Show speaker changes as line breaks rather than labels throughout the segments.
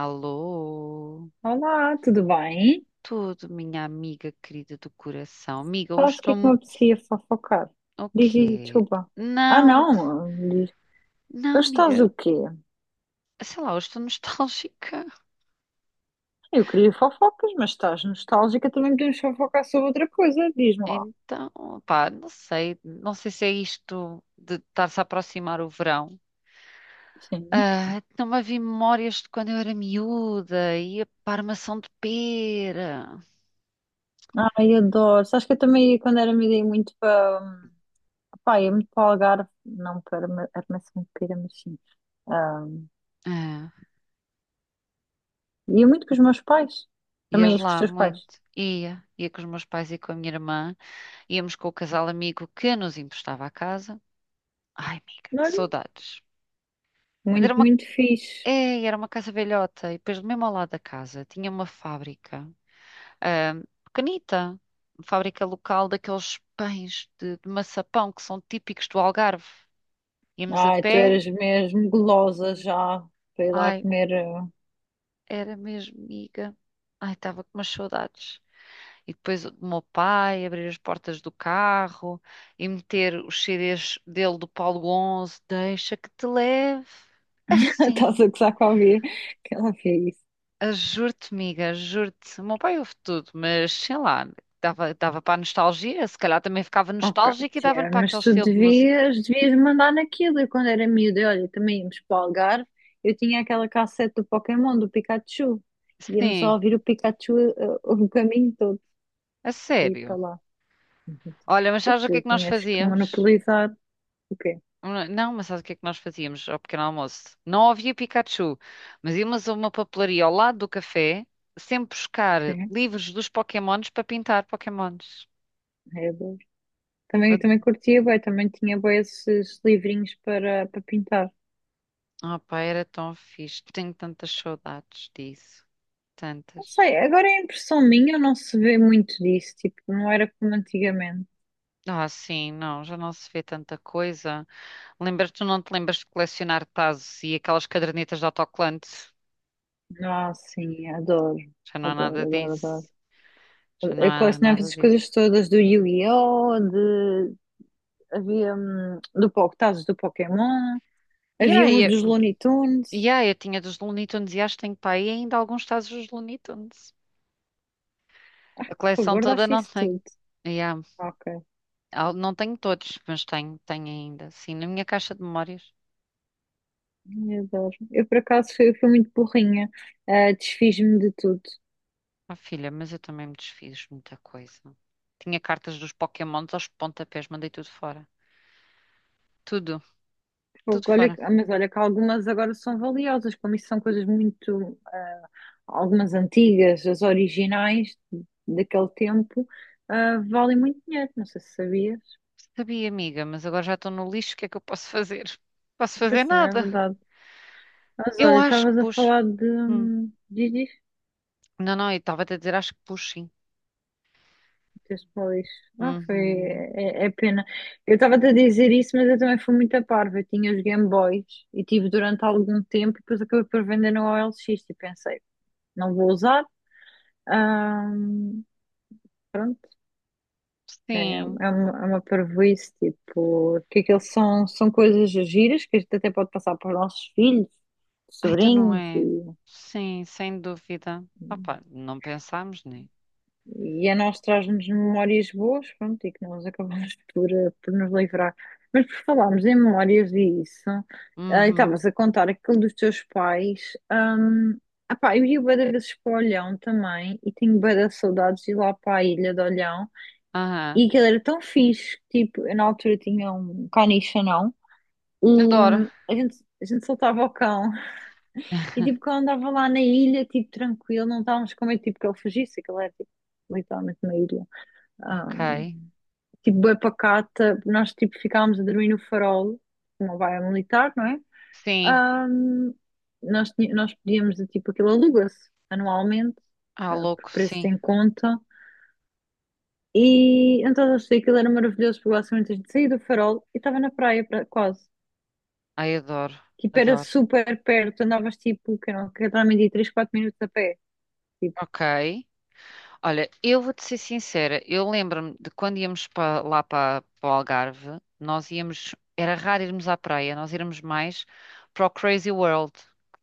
Alô,
Olá, tudo bem?
tudo, minha amiga querida do coração. Amiga, hoje
Sabes o que é que me
estou.
apetecia fofocar?
O
Diz,
quê?
desculpa. Ah,
Não,
não, diz.
não,
Hoje estás
amiga.
o quê?
Sei lá, hoje estou nostálgica.
Eu queria fofocas, mas estás nostálgica, também podemos fofocar sobre outra coisa, diz-me lá.
Então, pá, não sei. Não sei se é isto de estar-se a aproximar o verão.
Sim.
Ah, não havia memórias de quando eu era miúda, ia para a Armação de Pera.
Ai, adoro. Sabes que eu também, ia, quando era miúda, ia muito para... Pá, ia muito para o Algarve, não para Armação de Pera, mas sim. Ah,
Ah,
ia muito com os meus pais. Também
ias
ias com os
lá
teus pais.
muito. Ia com os meus pais e com a minha irmã. Íamos com o casal amigo que nos emprestava a casa. Ai, amiga, que
Olha,
saudades. Mas era
muito,
uma,
muito fixe.
é, era uma casa velhota e depois mesmo ao lado da casa tinha uma fábrica, pequenita, uma fábrica local daqueles pães de, maçapão que são típicos do Algarve. Íamos a
Ai, tu
pé,
eras mesmo gulosa já para ir lá
ai,
comer.
era mesmo, amiga. Ai, estava com umas saudades. E depois o meu pai abrir as portas do carro e meter os CDs dele do Paulo 11, deixa que te leve.
Estás
Assim.
a gozar com a Bia, que ela fez isso.
Ah, juro-te, amiga, juro-te. O meu pai ouve tudo, mas sei lá, dava para a nostalgia, se calhar também ficava
Ok,
nostálgica e dava-lhe
tia,
para
mas
aquele
tu
estilo de música.
devias, devias mandar naquilo. Eu, quando era miúda, e olha, também íamos para o Algarve. Eu tinha aquela cassete do Pokémon, do Pikachu. Íamos a
Sim,
ouvir o Pikachu o caminho todo,
a
daí para
sério.
lá. Uhum.
Olha, mas
Tu,
sabes o que
tu
é que nós
tinhas que
fazíamos?
monopolizar o quê?
Não, mas sabes o que é que nós fazíamos ao pequeno almoço? Não havia Pikachu, mas íamos a uma papelaria ao lado do café, sempre buscar
Sim,
livros dos Pokémons para pintar Pokémons.
é bom. Também, também curtia, bué, também tinha bué esses livrinhos para, para pintar.
Ah, pá, era tão fixe. Tenho tantas saudades disso.
Não
Tantas.
sei, agora é impressão minha, não se vê muito disso, tipo, não era como antigamente.
Ah, sim, não, já não se vê tanta coisa. Tu não te lembras de colecionar tazos e aquelas cadernetas de autocolante?
Ah, sim, adoro,
Já não há
adoro,
nada
adoro, adoro.
disso. Já não
Eu
há
colecionava
nada
essas
disso.
coisas todas do Yu-Gi-Oh! De- Havia do, Po- tazos do Pokémon,
E
havia
aí,
uns dos
eu,
Looney
e
Tunes.
aí, eu tinha dos Looney Tunes e acho que tenho para aí ainda alguns tazos dos Looney Tunes. A
Pô,
coleção toda
guardaste
não
isso
tenho.
tudo.
E há-
Ok,
não tenho todos, mas tenho, ainda. Sim, na minha caixa de memórias.
eu adoro. Eu por acaso fui, fui muito burrinha, ah, desfiz-me de tudo.
Ah, filha, mas eu também me desfiz de muita coisa. Tinha cartas dos Pokémons aos pontapés, mandei tudo fora. Tudo, tudo
Fogo, olha,
fora.
que- mas olha que algumas agora são valiosas, como isso são coisas muito, ah, algumas antigas, as originais daquele tempo, ah, valem muito dinheiro, não sei se sabias.
Sabia, amiga, mas agora já estou no lixo, o que é que eu posso fazer? Posso fazer
Depois também é
nada.
verdade. Mas
Eu
olha,
acho que
estavas a
pus.
falar de.
Hum.
Diz,
Não, não, eu estava a dizer, acho que pus sim.
tens falado isso. Ah, foi.
Uhum.
É, é pena. Eu estava-te a dizer isso, mas eu também fui muito a parva. Eu tinha os Game Boys e tive durante algum tempo e depois acabei por vender no OLX e pensei, não vou usar. Ah, É,
Sim.
é uma parvoíce, tipo, que aquilo são, são coisas giras que a gente até pode passar para os nossos filhos,
Ai, então não
sobrinhos,
é? Sim, sem dúvida. Opa, não pensámos, né?
e a nós traz-nos memórias boas, pronto, e que nós acabamos por, por nos livrar. Mas por falarmos em memórias e isso, ah, e
Uhum.
estavas a contar aquilo dos teus pais, hum, ah, pá, eu ia bué de vezes para o Olhão também, e tenho bué de saudades de ir lá para a ilha de Olhão,
Aham.
e aquilo era tão fixe, tipo, eu na altura tinha um caniche anão, E
Adoro.
a gente soltava o cão. E tipo, quando andava lá na ilha, tipo, tranquilo, não estávamos com medo, tipo, que ele fugisse, que ele era, tipo, literalmente uma ilha.
Ok.
Hum, tipo, bué pacata, nós, tipo, ficávamos a dormir no farol, uma baia militar, não é?
Sim.
Hum, nós, tinha- nós podíamos, de, tipo, aquilo aluga-se anualmente,
Ah,
por
louco,
preço
sim.
em conta. E então eu achei que aquilo era maravilhoso, porque basicamente a gente saía do farol e estava na praia, pra- quase.
Ai, adoro.
Tipo, era
Adoro.
super perto, andavas tipo, que não, que também 3 4 minutos a pé. Tipo,
Ok. Olha, eu vou-te ser sincera, eu lembro-me de quando íamos lá para o Algarve, nós íamos, era raro irmos à praia, nós íamos mais para o Crazy World.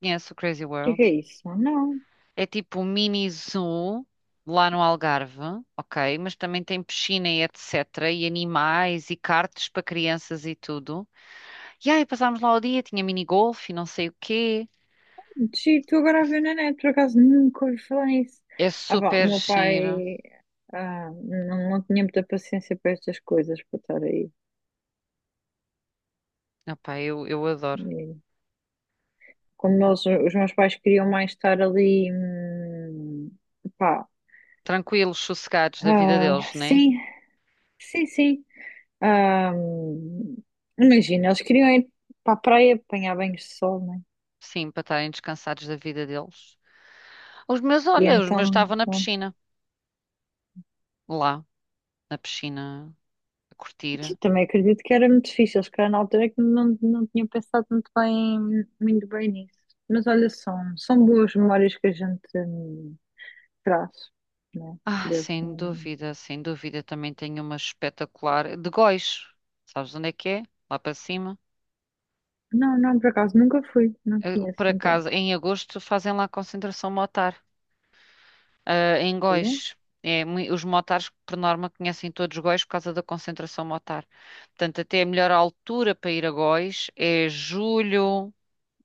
Conhece o Crazy
o
World?
que é isso? Ah, não,
É tipo um mini zoo lá no Algarve, ok? Mas também tem piscina e etc. E animais e karts para crianças e tudo. E aí passámos lá o dia, tinha mini golfe, e não sei o quê.
giro, estou agora a ver na net, por acaso nunca ouvi falar nisso.
É
Ah, pá, o
super
meu
giro.
pai ah, não, não tinha muita paciência para estas coisas, para estar aí.
Opá, eu adoro.
E como nós, os meus pais queriam mais estar ali, pá,
Tranquilos, sossegados da vida
ah,
deles, né?
sim, sim, sim. Ah, imagina, eles queriam ir para a praia apanhar banhos de sol, né?
Sim, para estarem descansados da vida deles. Os meus,
E
olha, os meus
então
estavam na piscina, lá, na piscina, a
sim,
curtir.
também acredito que era muito difícil. Eles calhar na altura é que não, não tinha pensado muito bem nisso. Mas olha, são, são boas memórias que a gente traz, né?
Ah,
Desse,
sem dúvida, sem dúvida, também tenho uma espetacular de Góis. Sabes onde é que é? Lá para cima.
não, não, por acaso nunca fui, não conheço
Por
então.
acaso, em agosto fazem lá a concentração motar, em
Olha.
Góis. É, os motares, por norma, conhecem todos Góis por causa da concentração motar. Portanto, até a melhor altura para ir a Góis é julho,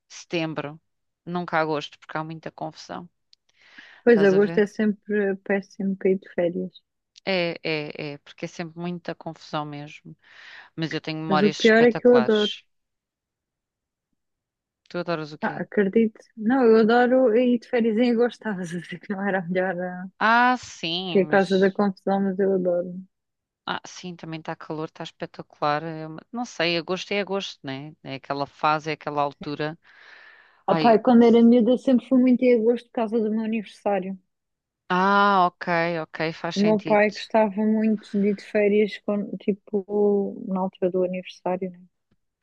setembro, nunca agosto, porque há muita confusão.
Pois
Estás a
agosto
ver?
é sempre péssimo para ir de férias.
É, é, é, porque é sempre muita confusão mesmo. Mas eu tenho
Mas o
memórias
pior é que eu adoro.
espetaculares. Tu adoras o
Ah,
quê?
acredito. Não, eu adoro ir de férias em agosto. Estavas a dizer que não era a melhor, ah,
Ah, sim,
que é a causa da
mas.
confusão, mas eu adoro.
Ah, sim, também está calor, está espetacular. Não sei, agosto é agosto, né? É aquela fase, é aquela altura.
Ah,
Ai,
pá, quando era miúda sempre fui muito em agosto por causa do meu aniversário.
ok, ok, faz
O meu
sentido.
pai gostava muito de ir de férias, quando, tipo, na altura do aniversário, né?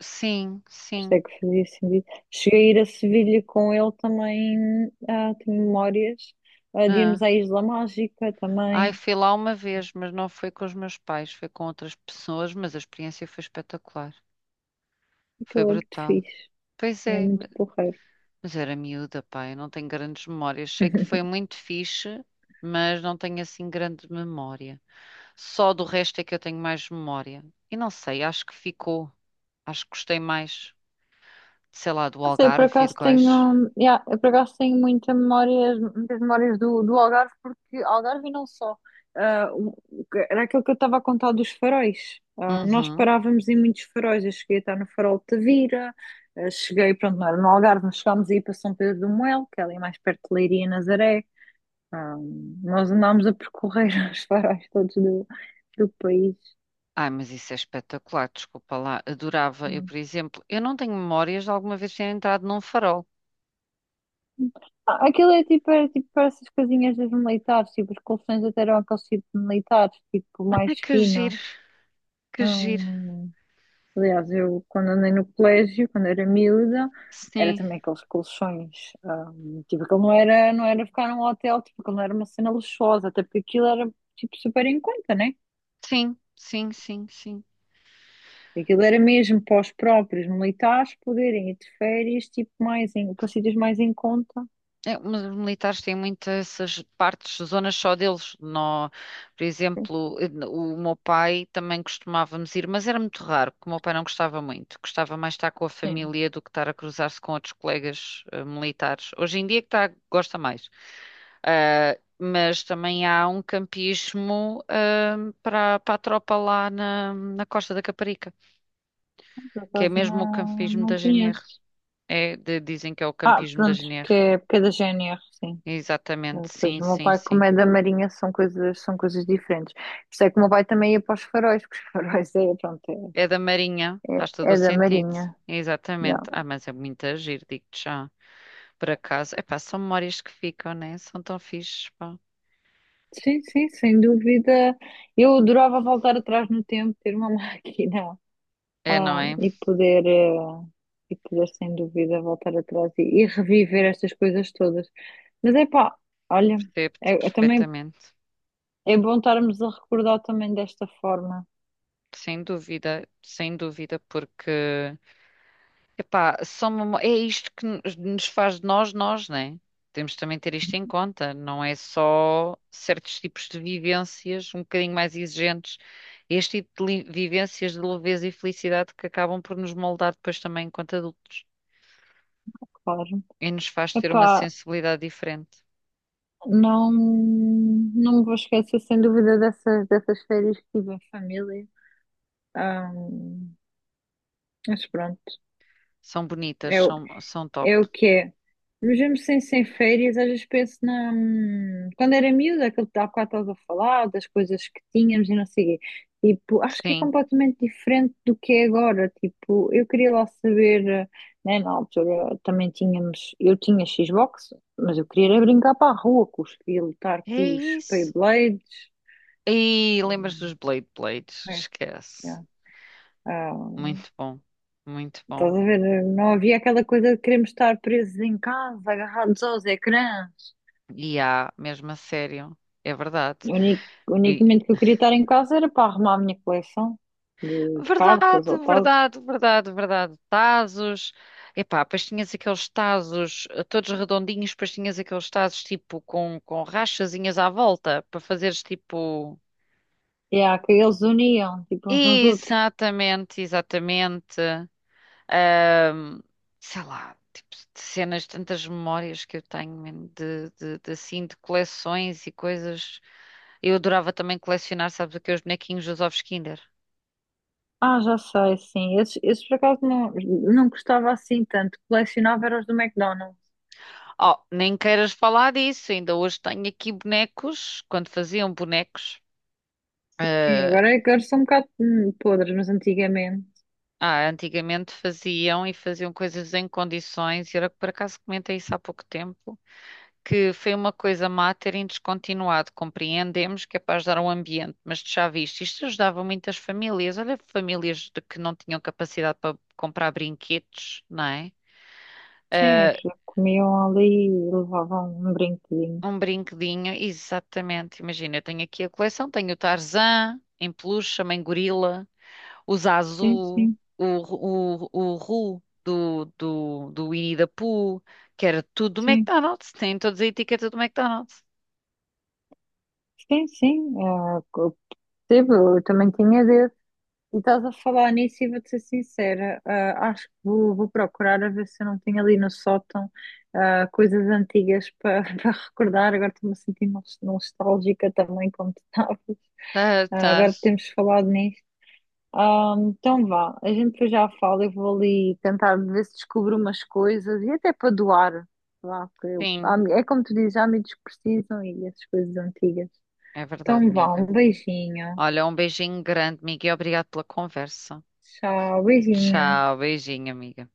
Sim,
Por isso é
sim.
que fazia sentido. Cheguei a ir a Sevilha com ele também, ah, tenho memórias, ah, de irmos
ah.
à Isla Mágica
Ai,
também.
fui lá uma vez, mas não foi com os meus pais, foi com outras pessoas, mas a experiência foi espetacular. Foi
Aquilo é muito
brutal.
fixe,
Pois
é
é,
muito porreiro.
mas era miúda, pá, eu não tenho grandes memórias. Sei que foi muito fixe, mas não tenho assim grande memória. Só do resto é que eu tenho mais memória. E não sei, acho que ficou. Acho que gostei mais, sei lá, do
Não sei, por
Algarve e de
acaso
Góis.
tenho, yeah, eu por acaso tenho muita memórias, muitas memórias do, do Algarve, porque Algarve e não só. Ah, o- era aquilo que eu estava a contar dos faróis. Ah, nós
Uhum.
parávamos em muitos faróis. Eu cheguei a estar no farol de Tavira, ah, cheguei, pronto, não era no Algarve, mas chegámos a ir para São Pedro do Moel, que é ali mais perto de Leiria e Nazaré. Ah, nós andámos a percorrer os faróis todos do, do país.
Ai, mas isso é espetacular, desculpa lá. Adorava, eu,
Ah,
por exemplo, eu não tenho memórias de alguma vez ter entrado num farol.
ah, aquilo é tipo, era tipo para essas casinhas dos militares, tipo, os colchões até eram aqueles tipo de militares, tipo,
Ai,
mais
que giro,
finos.
que giro.
Hum, aliás, eu quando andei no colégio, quando era miúda, era
Sim,
também aqueles colchões, tipo, aquilo não era, não era ficar num hotel, tipo, aquilo não era uma cena luxuosa, até porque aquilo era, tipo, super em conta, né?
sim, sim, sim, sim.
Aquilo era mesmo para os próprios militares poderem ir de férias, tipo, mais em, para sítios mais em conta.
É, mas os militares têm muitas essas partes, zonas só deles. Por exemplo, o meu pai também costumávamos ir, mas era muito raro, porque o meu pai não gostava muito. Gostava mais estar com a
Sim,
família do que estar a cruzar-se com outros colegas militares. Hoje em dia é que gosta mais. Ah, mas também há um campismo, para, a tropa lá na, Costa da Caparica,
por
que é
acaso
mesmo o
não,
campismo
não
da GNR.
conheço.
É, dizem que é o
Ah,
campismo da
pronto,
GNR.
porque é da GNR, sim.
Exatamente,
Pois
sim,
o meu
sim,
pai, como
sim.
é da Marinha, são coisas diferentes. Por isso é que o meu pai também ia para os faróis, porque os faróis é, pronto, é,
É da Marinha, faz todo
é,
o
é da
sentido.
Marinha. Yeah.
Exatamente. Ah, mas é muito agir, digo-te já. Por acaso, é pá, são memórias que ficam, né? São tão fixes, pá.
Sim, sim, sem dúvida. Eu adorava voltar atrás no tempo, ter uma máquina,
É, não
ah,
é?
e poder, e poder, sem dúvida, voltar atrás e reviver estas coisas todas. Mas é pá, olha,
Percebo-te
é, é também
perfeitamente.
é bom estarmos a recordar também desta forma,
Sem dúvida, sem dúvida, porque, epá, é isto que nos faz de nós, nós, né? Temos também de ter isto em conta. Não é só certos tipos de vivências um bocadinho mais exigentes. Este tipo de vivências de leveza e felicidade que acabam por nos moldar depois também enquanto adultos.
claro.
E nos faz ter uma
Epá,
sensibilidade diferente.
não, não me vou esquecer, sem dúvida, dessas, dessas férias que tive em família. Ahm, mas pronto,
São bonitas,
é, o-
são top.
é o que é. Mesmo sem, sem férias, às vezes penso na. Quando era miúda, aquilo que há bocado estavas a falar, das coisas que tínhamos e não sei o quê. Tipo, acho que é
Sim,
completamente diferente do que é agora. Tipo, eu queria lá saber, eh, né, na altura também tínhamos. Eu tinha Xbox, mas eu queria era brincar para a rua com os filhos, lutar
é
com os
isso.
Beyblades.
E
Pois,
lembras dos Blade Blades? Esquece.
já. Ah,
Muito bom, muito bom.
estás a ver? Não havia aquela coisa de queremos estar presos em casa, agarrados aos ecrãs.
E há, mesmo a sério, é verdade.
O único
E,
momento que eu queria estar em casa era para arrumar a minha coleção de cartas
verdade,
ou tazos.
verdade, verdade, verdade. Tazos. Epá, depois tinhas aqueles tazos todos redondinhos, depois tinhas aqueles tazos tipo com, rachazinhas à volta para fazeres tipo.
E há que eles uniam, tipo, uns nos outros.
Exatamente, exatamente. Ahm, Sei lá, tipo de cenas, tantas memórias que eu tenho man, de assim, de coleções e coisas. Eu adorava também colecionar, sabes o que? É os bonequinhos dos ovos Kinder.
Ah, já sei, sim. Esses, esses por acaso não, não gostava assim tanto. Colecionava era os do McDonald's.
Oh, nem queiras falar disso. Ainda hoje tenho aqui bonecos. Quando faziam bonecos,
Sim,
eh,
agora, agora são um bocado podres, mas antigamente.
antigamente faziam e faziam coisas em condições. E era que por acaso comentei isso há pouco tempo, que foi uma coisa má terem descontinuado. Compreendemos que é para ajudar o ambiente, mas tu já viste, isto ajudava muitas famílias. Olha, famílias de que não tinham capacidade para comprar brinquedos, não é?
Sim, é
Eh,
porque comiam ali e levavam um brinquedinho.
Um brinquedinho, exatamente. Imagina, eu tenho aqui a coleção, tenho o Tarzan em peluche, a mãe gorila, o
Sim,
Zazu,
sim,
o Ru do Winnie the Pooh, que era tudo do
sim.
McDonald's, tem todas a etiqueta do McDonald's.
Sim, sim. é co- percebo, eu também tinha desse. E estás a falar nisso e vou-te ser sincera. Ah, acho que vou, vou procurar a ver se eu não tenho ali no sótão ah, coisas antigas para para recordar. Agora estou-me a sentir nostálgica também, como tu estavas.
Tá,
Ah,
tá.
agora que temos falado nisso. Ah, então vá, a gente depois já fala. Eu vou ali tentar ver se descubro umas coisas e até para doar. Vá, porque eu-
Sim,
há- é como tu dizes, há amigos que precisam e essas coisas antigas.
é verdade,
Então vá, um
amiga.
beijinho.
Olha, um beijinho grande, amiga, e obrigado pela conversa.
Tchau, beijinho.
Tchau, beijinho, amiga.